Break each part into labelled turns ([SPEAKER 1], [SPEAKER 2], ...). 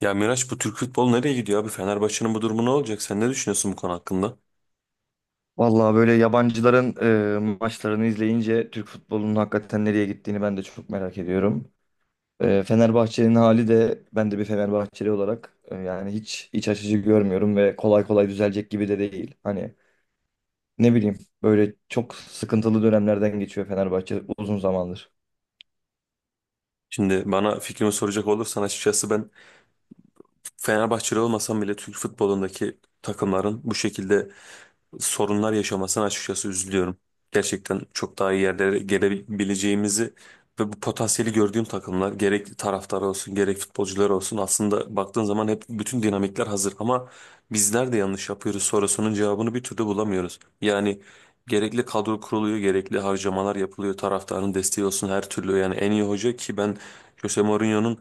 [SPEAKER 1] Ya Miraç, bu Türk futbolu nereye gidiyor abi? Fenerbahçe'nin bu durumu ne olacak? Sen ne düşünüyorsun bu konu hakkında?
[SPEAKER 2] Vallahi böyle yabancıların maçlarını izleyince Türk futbolunun hakikaten nereye gittiğini ben de çok merak ediyorum. E, Fenerbahçe'nin hali de ben de bir Fenerbahçeli olarak yani hiç iç açıcı görmüyorum ve kolay kolay düzelecek gibi de değil. Hani ne bileyim böyle çok sıkıntılı dönemlerden geçiyor Fenerbahçe uzun zamandır.
[SPEAKER 1] Şimdi bana fikrimi soracak olursan, açıkçası ben Fenerbahçeli olmasam bile Türk futbolundaki takımların bu şekilde sorunlar yaşamasına açıkçası üzülüyorum. Gerçekten çok daha iyi yerlere gelebileceğimizi ve bu potansiyeli gördüğüm takımlar, gerek taraftar olsun gerek futbolcular olsun, aslında baktığın zaman hep bütün dinamikler hazır ama bizler de yanlış yapıyoruz sorusunun cevabını bir türlü bulamıyoruz. Yani gerekli kadro kuruluyor, gerekli harcamalar yapılıyor, taraftarın desteği olsun her türlü, yani en iyi hoca ki, ben Jose Mourinho'nun,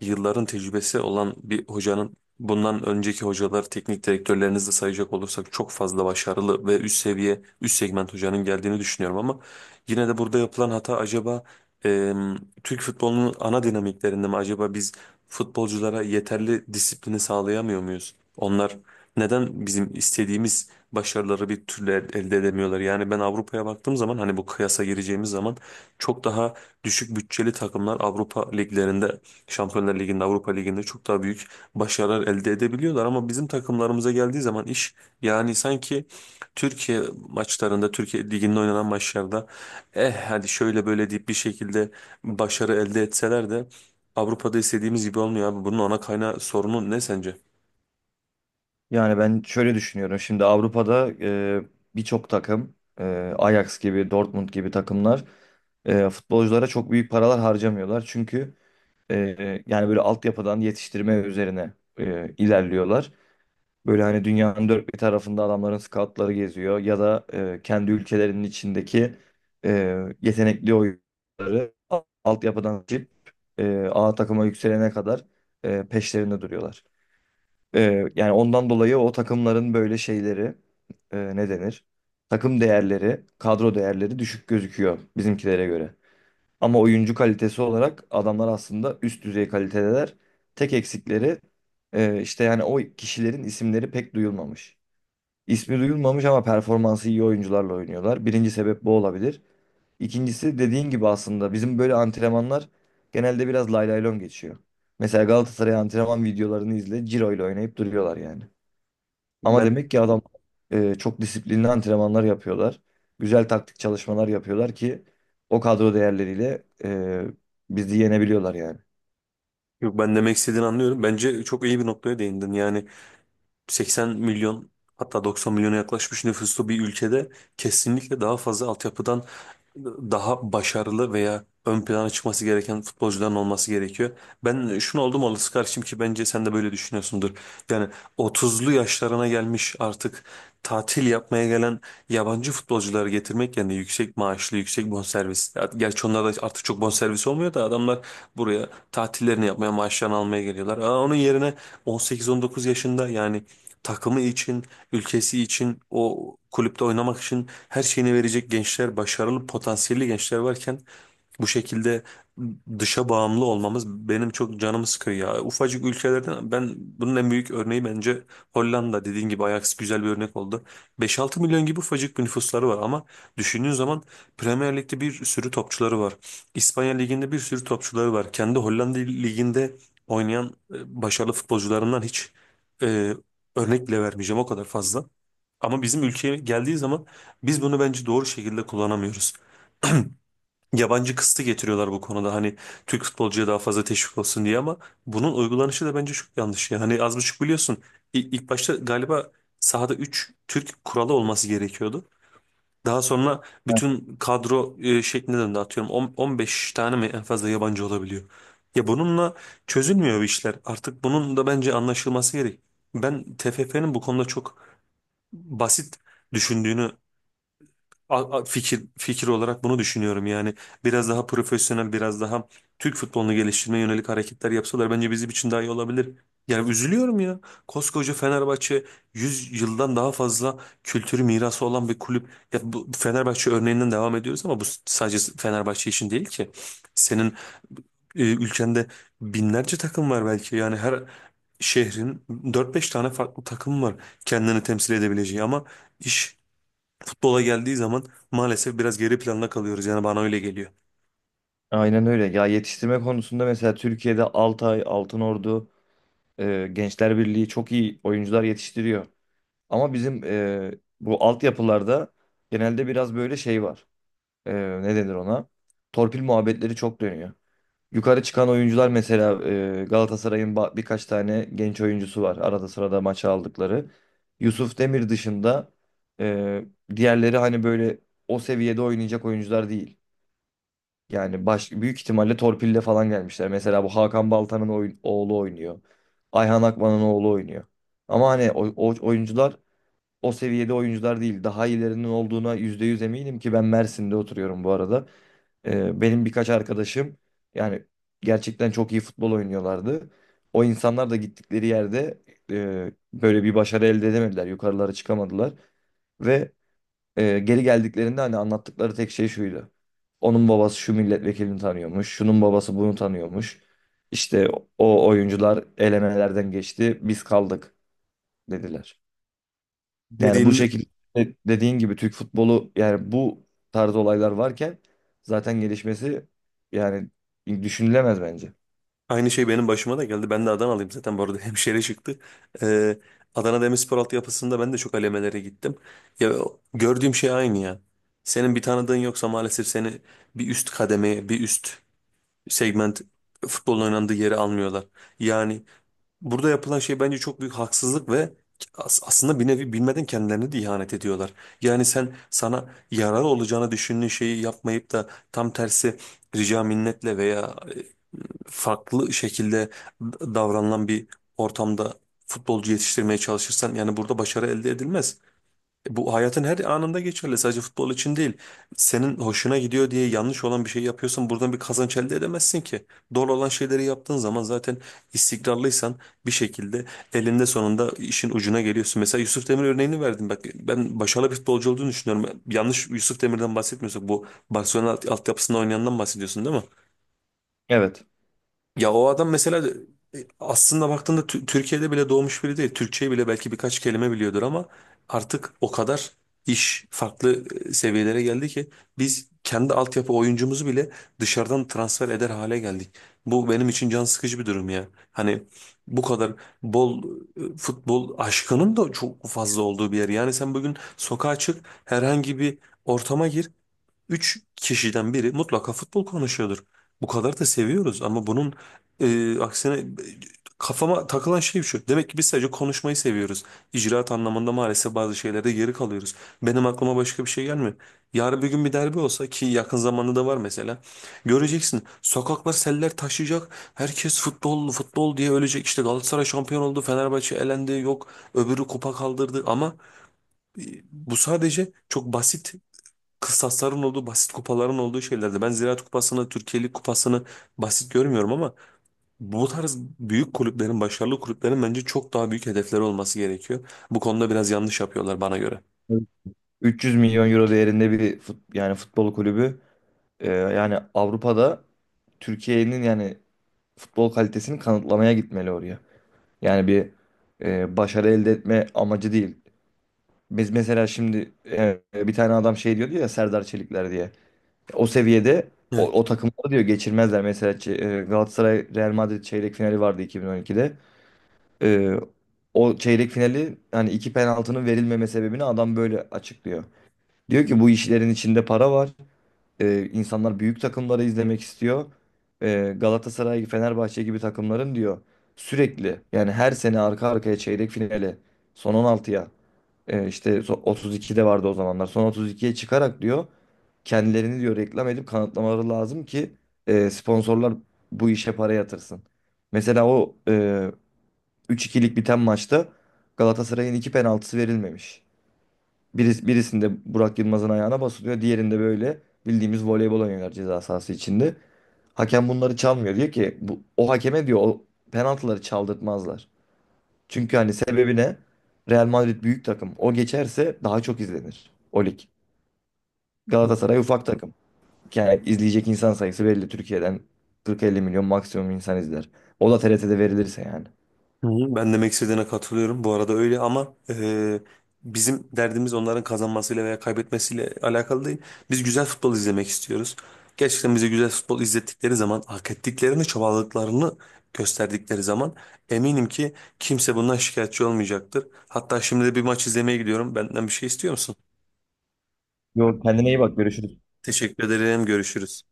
[SPEAKER 1] yılların tecrübesi olan bir hocanın, bundan önceki hocalar, teknik direktörlerinizi de sayacak olursak çok fazla başarılı ve üst seviye, üst segment hocanın geldiğini düşünüyorum ama yine de burada yapılan hata acaba, e, Türk futbolunun ana dinamiklerinde mi? Acaba biz futbolculara yeterli disiplini sağlayamıyor muyuz? Onlar neden bizim istediğimiz başarıları bir türlü elde edemiyorlar? Yani ben Avrupa'ya baktığım zaman, hani bu kıyasa gireceğimiz zaman, çok daha düşük bütçeli takımlar Avrupa liglerinde, Şampiyonlar Ligi'nde, Avrupa Ligi'nde çok daha büyük başarılar elde edebiliyorlar ama bizim takımlarımıza geldiği zaman iş, yani sanki Türkiye maçlarında, Türkiye Ligi'nde oynanan maçlarda eh hadi şöyle böyle deyip bir şekilde başarı elde etseler de Avrupa'da istediğimiz gibi olmuyor abi. Bunun ana kaynağı, sorunu ne sence?
[SPEAKER 2] Yani ben şöyle düşünüyorum şimdi Avrupa'da birçok takım e, Ajax gibi Dortmund gibi takımlar futbolculara çok büyük paralar harcamıyorlar. Çünkü yani böyle altyapıdan yetiştirme üzerine ilerliyorlar. Böyle hani dünyanın dört bir tarafında adamların scoutları geziyor ya da kendi ülkelerinin içindeki e, yetenekli oyuncuları altyapıdan seçip A takıma yükselene kadar peşlerinde duruyorlar. E, yani ondan dolayı o takımların böyle şeyleri ne denir? Takım değerleri, kadro değerleri düşük gözüküyor bizimkilere göre. Ama oyuncu kalitesi olarak adamlar aslında üst düzey kalitedeler. Tek eksikleri işte yani o kişilerin isimleri pek duyulmamış. İsmi duyulmamış ama performansı iyi oyuncularla oynuyorlar. Birinci sebep bu olabilir. İkincisi dediğin gibi aslında bizim böyle antrenmanlar genelde biraz lay lay lon geçiyor. Mesela Galatasaray antrenman videolarını izle, Ciro ile oynayıp duruyorlar yani. Ama
[SPEAKER 1] Ben
[SPEAKER 2] demek ki adam çok disiplinli antrenmanlar yapıyorlar. Güzel taktik çalışmalar yapıyorlar ki o kadro değerleriyle bizi yenebiliyorlar yani.
[SPEAKER 1] Yok, ben demek istediğini anlıyorum. Bence çok iyi bir noktaya değindin. Yani 80 milyon, hatta 90 milyona yaklaşmış nüfuslu bir ülkede kesinlikle daha fazla altyapıdan, daha başarılı veya ön plana çıkması gereken futbolcuların olması gerekiyor. Ben şunu oldum olası karşıyım ki, bence sen de böyle düşünüyorsundur. Yani 30'lu yaşlarına gelmiş, artık tatil yapmaya gelen yabancı futbolcuları getirmek, yani yüksek maaşlı, yüksek bonservis. Ya, gerçi onlar da artık çok bonservis olmuyor da, adamlar buraya tatillerini yapmaya, maaşlarını almaya geliyorlar. Onun yerine 18-19 yaşında, yani takımı için, ülkesi için, o kulüpte oynamak için her şeyini verecek gençler, başarılı, potansiyelli gençler varken bu şekilde dışa bağımlı olmamız benim çok canımı sıkıyor ya. Ufacık ülkelerden, ben bunun en büyük örneği bence Hollanda. Dediğin gibi Ajax güzel bir örnek oldu. 5-6 milyon gibi ufacık bir nüfusları var ama düşündüğün zaman Premier Lig'de bir sürü topçuları var. İspanya Ligi'nde bir sürü topçuları var. Kendi Hollanda Ligi'nde oynayan başarılı futbolcularından hiç e, örnek bile vermeyeceğim, o kadar fazla. Ama bizim ülkeye geldiği zaman biz bunu bence doğru şekilde kullanamıyoruz. Yabancı kısıtı getiriyorlar bu konuda, hani Türk futbolcuya daha fazla teşvik olsun diye, ama bunun uygulanışı da bence çok yanlış. Yani hani az buçuk biliyorsun, ilk başta galiba sahada 3 Türk kuralı olması gerekiyordu. Daha sonra
[SPEAKER 2] Evet.
[SPEAKER 1] bütün kadro şekline döndü, atıyorum 15 tane mi en fazla yabancı olabiliyor. Ya bununla çözülmüyor bu işler, artık bunun da bence anlaşılması gerek. Ben TFF'nin bu konuda çok basit düşündüğünü, fikir olarak bunu düşünüyorum yani. Biraz daha profesyonel, biraz daha Türk futbolunu geliştirmeye yönelik hareketler yapsalar bence bizim için daha iyi olabilir. Yani üzülüyorum ya. Koskoca Fenerbahçe, 100 yıldan daha fazla kültürü, mirası olan bir kulüp. Ya, bu Fenerbahçe örneğinden devam ediyoruz ama bu sadece Fenerbahçe için değil ki. Senin ülkende binlerce takım var belki. Yani her şehrin dört beş tane farklı takım var kendini temsil edebileceği ama iş futbola geldiği zaman maalesef biraz geri planda kalıyoruz. Yani bana öyle geliyor.
[SPEAKER 2] Aynen öyle. Ya yetiştirme konusunda mesela Türkiye'de Altay, Altınordu, Gençler Birliği çok iyi oyuncular yetiştiriyor. Ama bizim bu altyapılarda genelde biraz böyle şey var. Ne denir ona? Torpil muhabbetleri çok dönüyor. Yukarı çıkan oyuncular mesela Galatasaray'ın birkaç tane genç oyuncusu var. Arada sırada maça aldıkları. Yusuf Demir dışında e, diğerleri hani böyle o seviyede oynayacak oyuncular değil. Yani büyük ihtimalle torpille falan gelmişler. Mesela bu Hakan Baltan'ın oğlu oynuyor. Ayhan Akman'ın oğlu oynuyor. Ama hani o oyuncular o seviyede oyuncular değil. Daha iyilerinin olduğuna %100 eminim ki ben Mersin'de oturuyorum bu arada. Benim birkaç arkadaşım yani gerçekten çok iyi futbol oynuyorlardı. O insanlar da gittikleri yerde böyle bir başarı elde edemediler. Yukarılara çıkamadılar. Ve geri geldiklerinde hani anlattıkları tek şey şuydu. Onun babası şu milletvekilini tanıyormuş. Şunun babası bunu tanıyormuş. İşte o oyuncular elemelerden geçti. Biz kaldık dediler. Yani bu
[SPEAKER 1] Dediğin
[SPEAKER 2] şekilde dediğin gibi Türk futbolu yani bu tarz olaylar varken zaten gelişmesi yani düşünülemez bence.
[SPEAKER 1] Aynı şey benim başıma da geldi. Ben de Adanalıyım zaten bu arada, hemşire çıktı. Ee, Adana Demirspor altyapısında ben de çok alemelere gittim. Ya, gördüğüm şey aynı ya. Senin bir tanıdığın yoksa maalesef seni bir üst kademeye, bir üst segment futbolun oynandığı yere almıyorlar. Yani burada yapılan şey bence çok büyük haksızlık ve aslında bir nevi bilmeden kendilerine de ihanet ediyorlar. Yani sen sana yararlı olacağını düşündüğün şeyi yapmayıp da tam tersi rica minnetle veya farklı şekilde davranılan bir ortamda futbolcu yetiştirmeye çalışırsan, yani burada başarı elde edilmez. Bu hayatın her anında geçerli. Sadece futbol için değil. Senin hoşuna gidiyor diye yanlış olan bir şey yapıyorsan buradan bir kazanç elde edemezsin ki. Doğru olan şeyleri yaptığın zaman, zaten istikrarlıysan, bir şekilde elinde sonunda işin ucuna geliyorsun. Mesela Yusuf Demir örneğini verdim. Bak, ben başarılı bir futbolcu olduğunu düşünüyorum. Yanlış Yusuf Demir'den bahsetmiyorsak, bu Barcelona altyapısında oynayandan bahsediyorsun değil mi?
[SPEAKER 2] Evet.
[SPEAKER 1] Ya o adam mesela, aslında baktığında Türkiye'de bile doğmuş biri değil. Türkçeyi bile belki birkaç kelime biliyordur ama artık o kadar iş farklı seviyelere geldi ki, biz kendi altyapı oyuncumuzu bile dışarıdan transfer eder hale geldik. Bu benim için can sıkıcı bir durum ya. Hani bu kadar bol futbol aşkının da çok fazla olduğu bir yer. Yani sen bugün sokağa çık, herhangi bir ortama gir. Üç kişiden biri mutlaka futbol konuşuyordur. Bu kadar da seviyoruz ama bunun aksine, kafama takılan şey şu. Demek ki biz sadece konuşmayı seviyoruz. İcraat anlamında maalesef bazı şeylerde geri kalıyoruz. Benim aklıma başka bir şey gelmiyor. Yarın bir gün bir derbi olsa ki, yakın zamanda da var mesela. Göreceksin, sokaklar seller taşıyacak. Herkes futbol futbol diye ölecek. İşte Galatasaray şampiyon oldu, Fenerbahçe elendi, yok öbürü kupa kaldırdı ama e, bu sadece çok basit kıstasların olduğu, basit kupaların olduğu şeylerde. Ben Ziraat Kupası'nı, Türkiye Lig Kupası'nı basit görmüyorum ama bu tarz büyük kulüplerin, başarılı kulüplerin bence çok daha büyük hedefleri olması gerekiyor. Bu konuda biraz yanlış yapıyorlar bana göre.
[SPEAKER 2] Evet. 300 milyon euro değerinde bir yani futbol kulübü yani Avrupa'da Türkiye'nin yani futbol kalitesini kanıtlamaya gitmeli oraya. Yani bir başarı elde etme amacı değil. Biz mesela şimdi bir tane adam şey diyordu ya Serdar Çelikler diye. O seviyede o takımları diyor geçirmezler. Mesela Galatasaray Real Madrid çeyrek finali vardı 2012'de. E, o çeyrek finali hani iki penaltının verilmeme sebebini adam böyle açıklıyor. Diyor ki bu işlerin içinde para var. E, insanlar büyük takımları izlemek istiyor. E, Galatasaray, Fenerbahçe gibi takımların diyor sürekli yani her sene arka arkaya çeyrek finale son 16'ya işte 32'de vardı o zamanlar. Son 32'ye çıkarak diyor kendilerini diyor reklam edip kanıtlamaları lazım ki sponsorlar bu işe para yatırsın. Mesela o 3-2'lik biten maçta Galatasaray'ın iki penaltısı verilmemiş. Birisinde Burak Yılmaz'ın ayağına basılıyor. Diğerinde böyle bildiğimiz voleybol oynuyorlar ceza sahası içinde. Hakem bunları çalmıyor. Diyor ki o hakeme diyor o penaltıları çaldırtmazlar. Çünkü hani sebebi ne? Real Madrid büyük takım. O geçerse daha çok izlenir o lig. Galatasaray ufak takım. Yani izleyecek insan sayısı belli. Türkiye'den 40-50 milyon maksimum insan izler. O da TRT'de verilirse yani.
[SPEAKER 1] Hı hı. Ben demek istediğine katılıyorum. Bu arada öyle ama bizim derdimiz onların kazanmasıyla veya kaybetmesiyle alakalı değil. Biz güzel futbol izlemek istiyoruz. Gerçekten bize güzel futbol izlettikleri zaman, hak ettiklerini, çabaladıklarını gösterdikleri zaman eminim ki kimse bundan şikayetçi olmayacaktır. Hatta şimdi de bir maç izlemeye gidiyorum. Benden bir şey istiyor musun?
[SPEAKER 2] Yok, kendine iyi bak, görüşürüz.
[SPEAKER 1] Teşekkür ederim. Görüşürüz.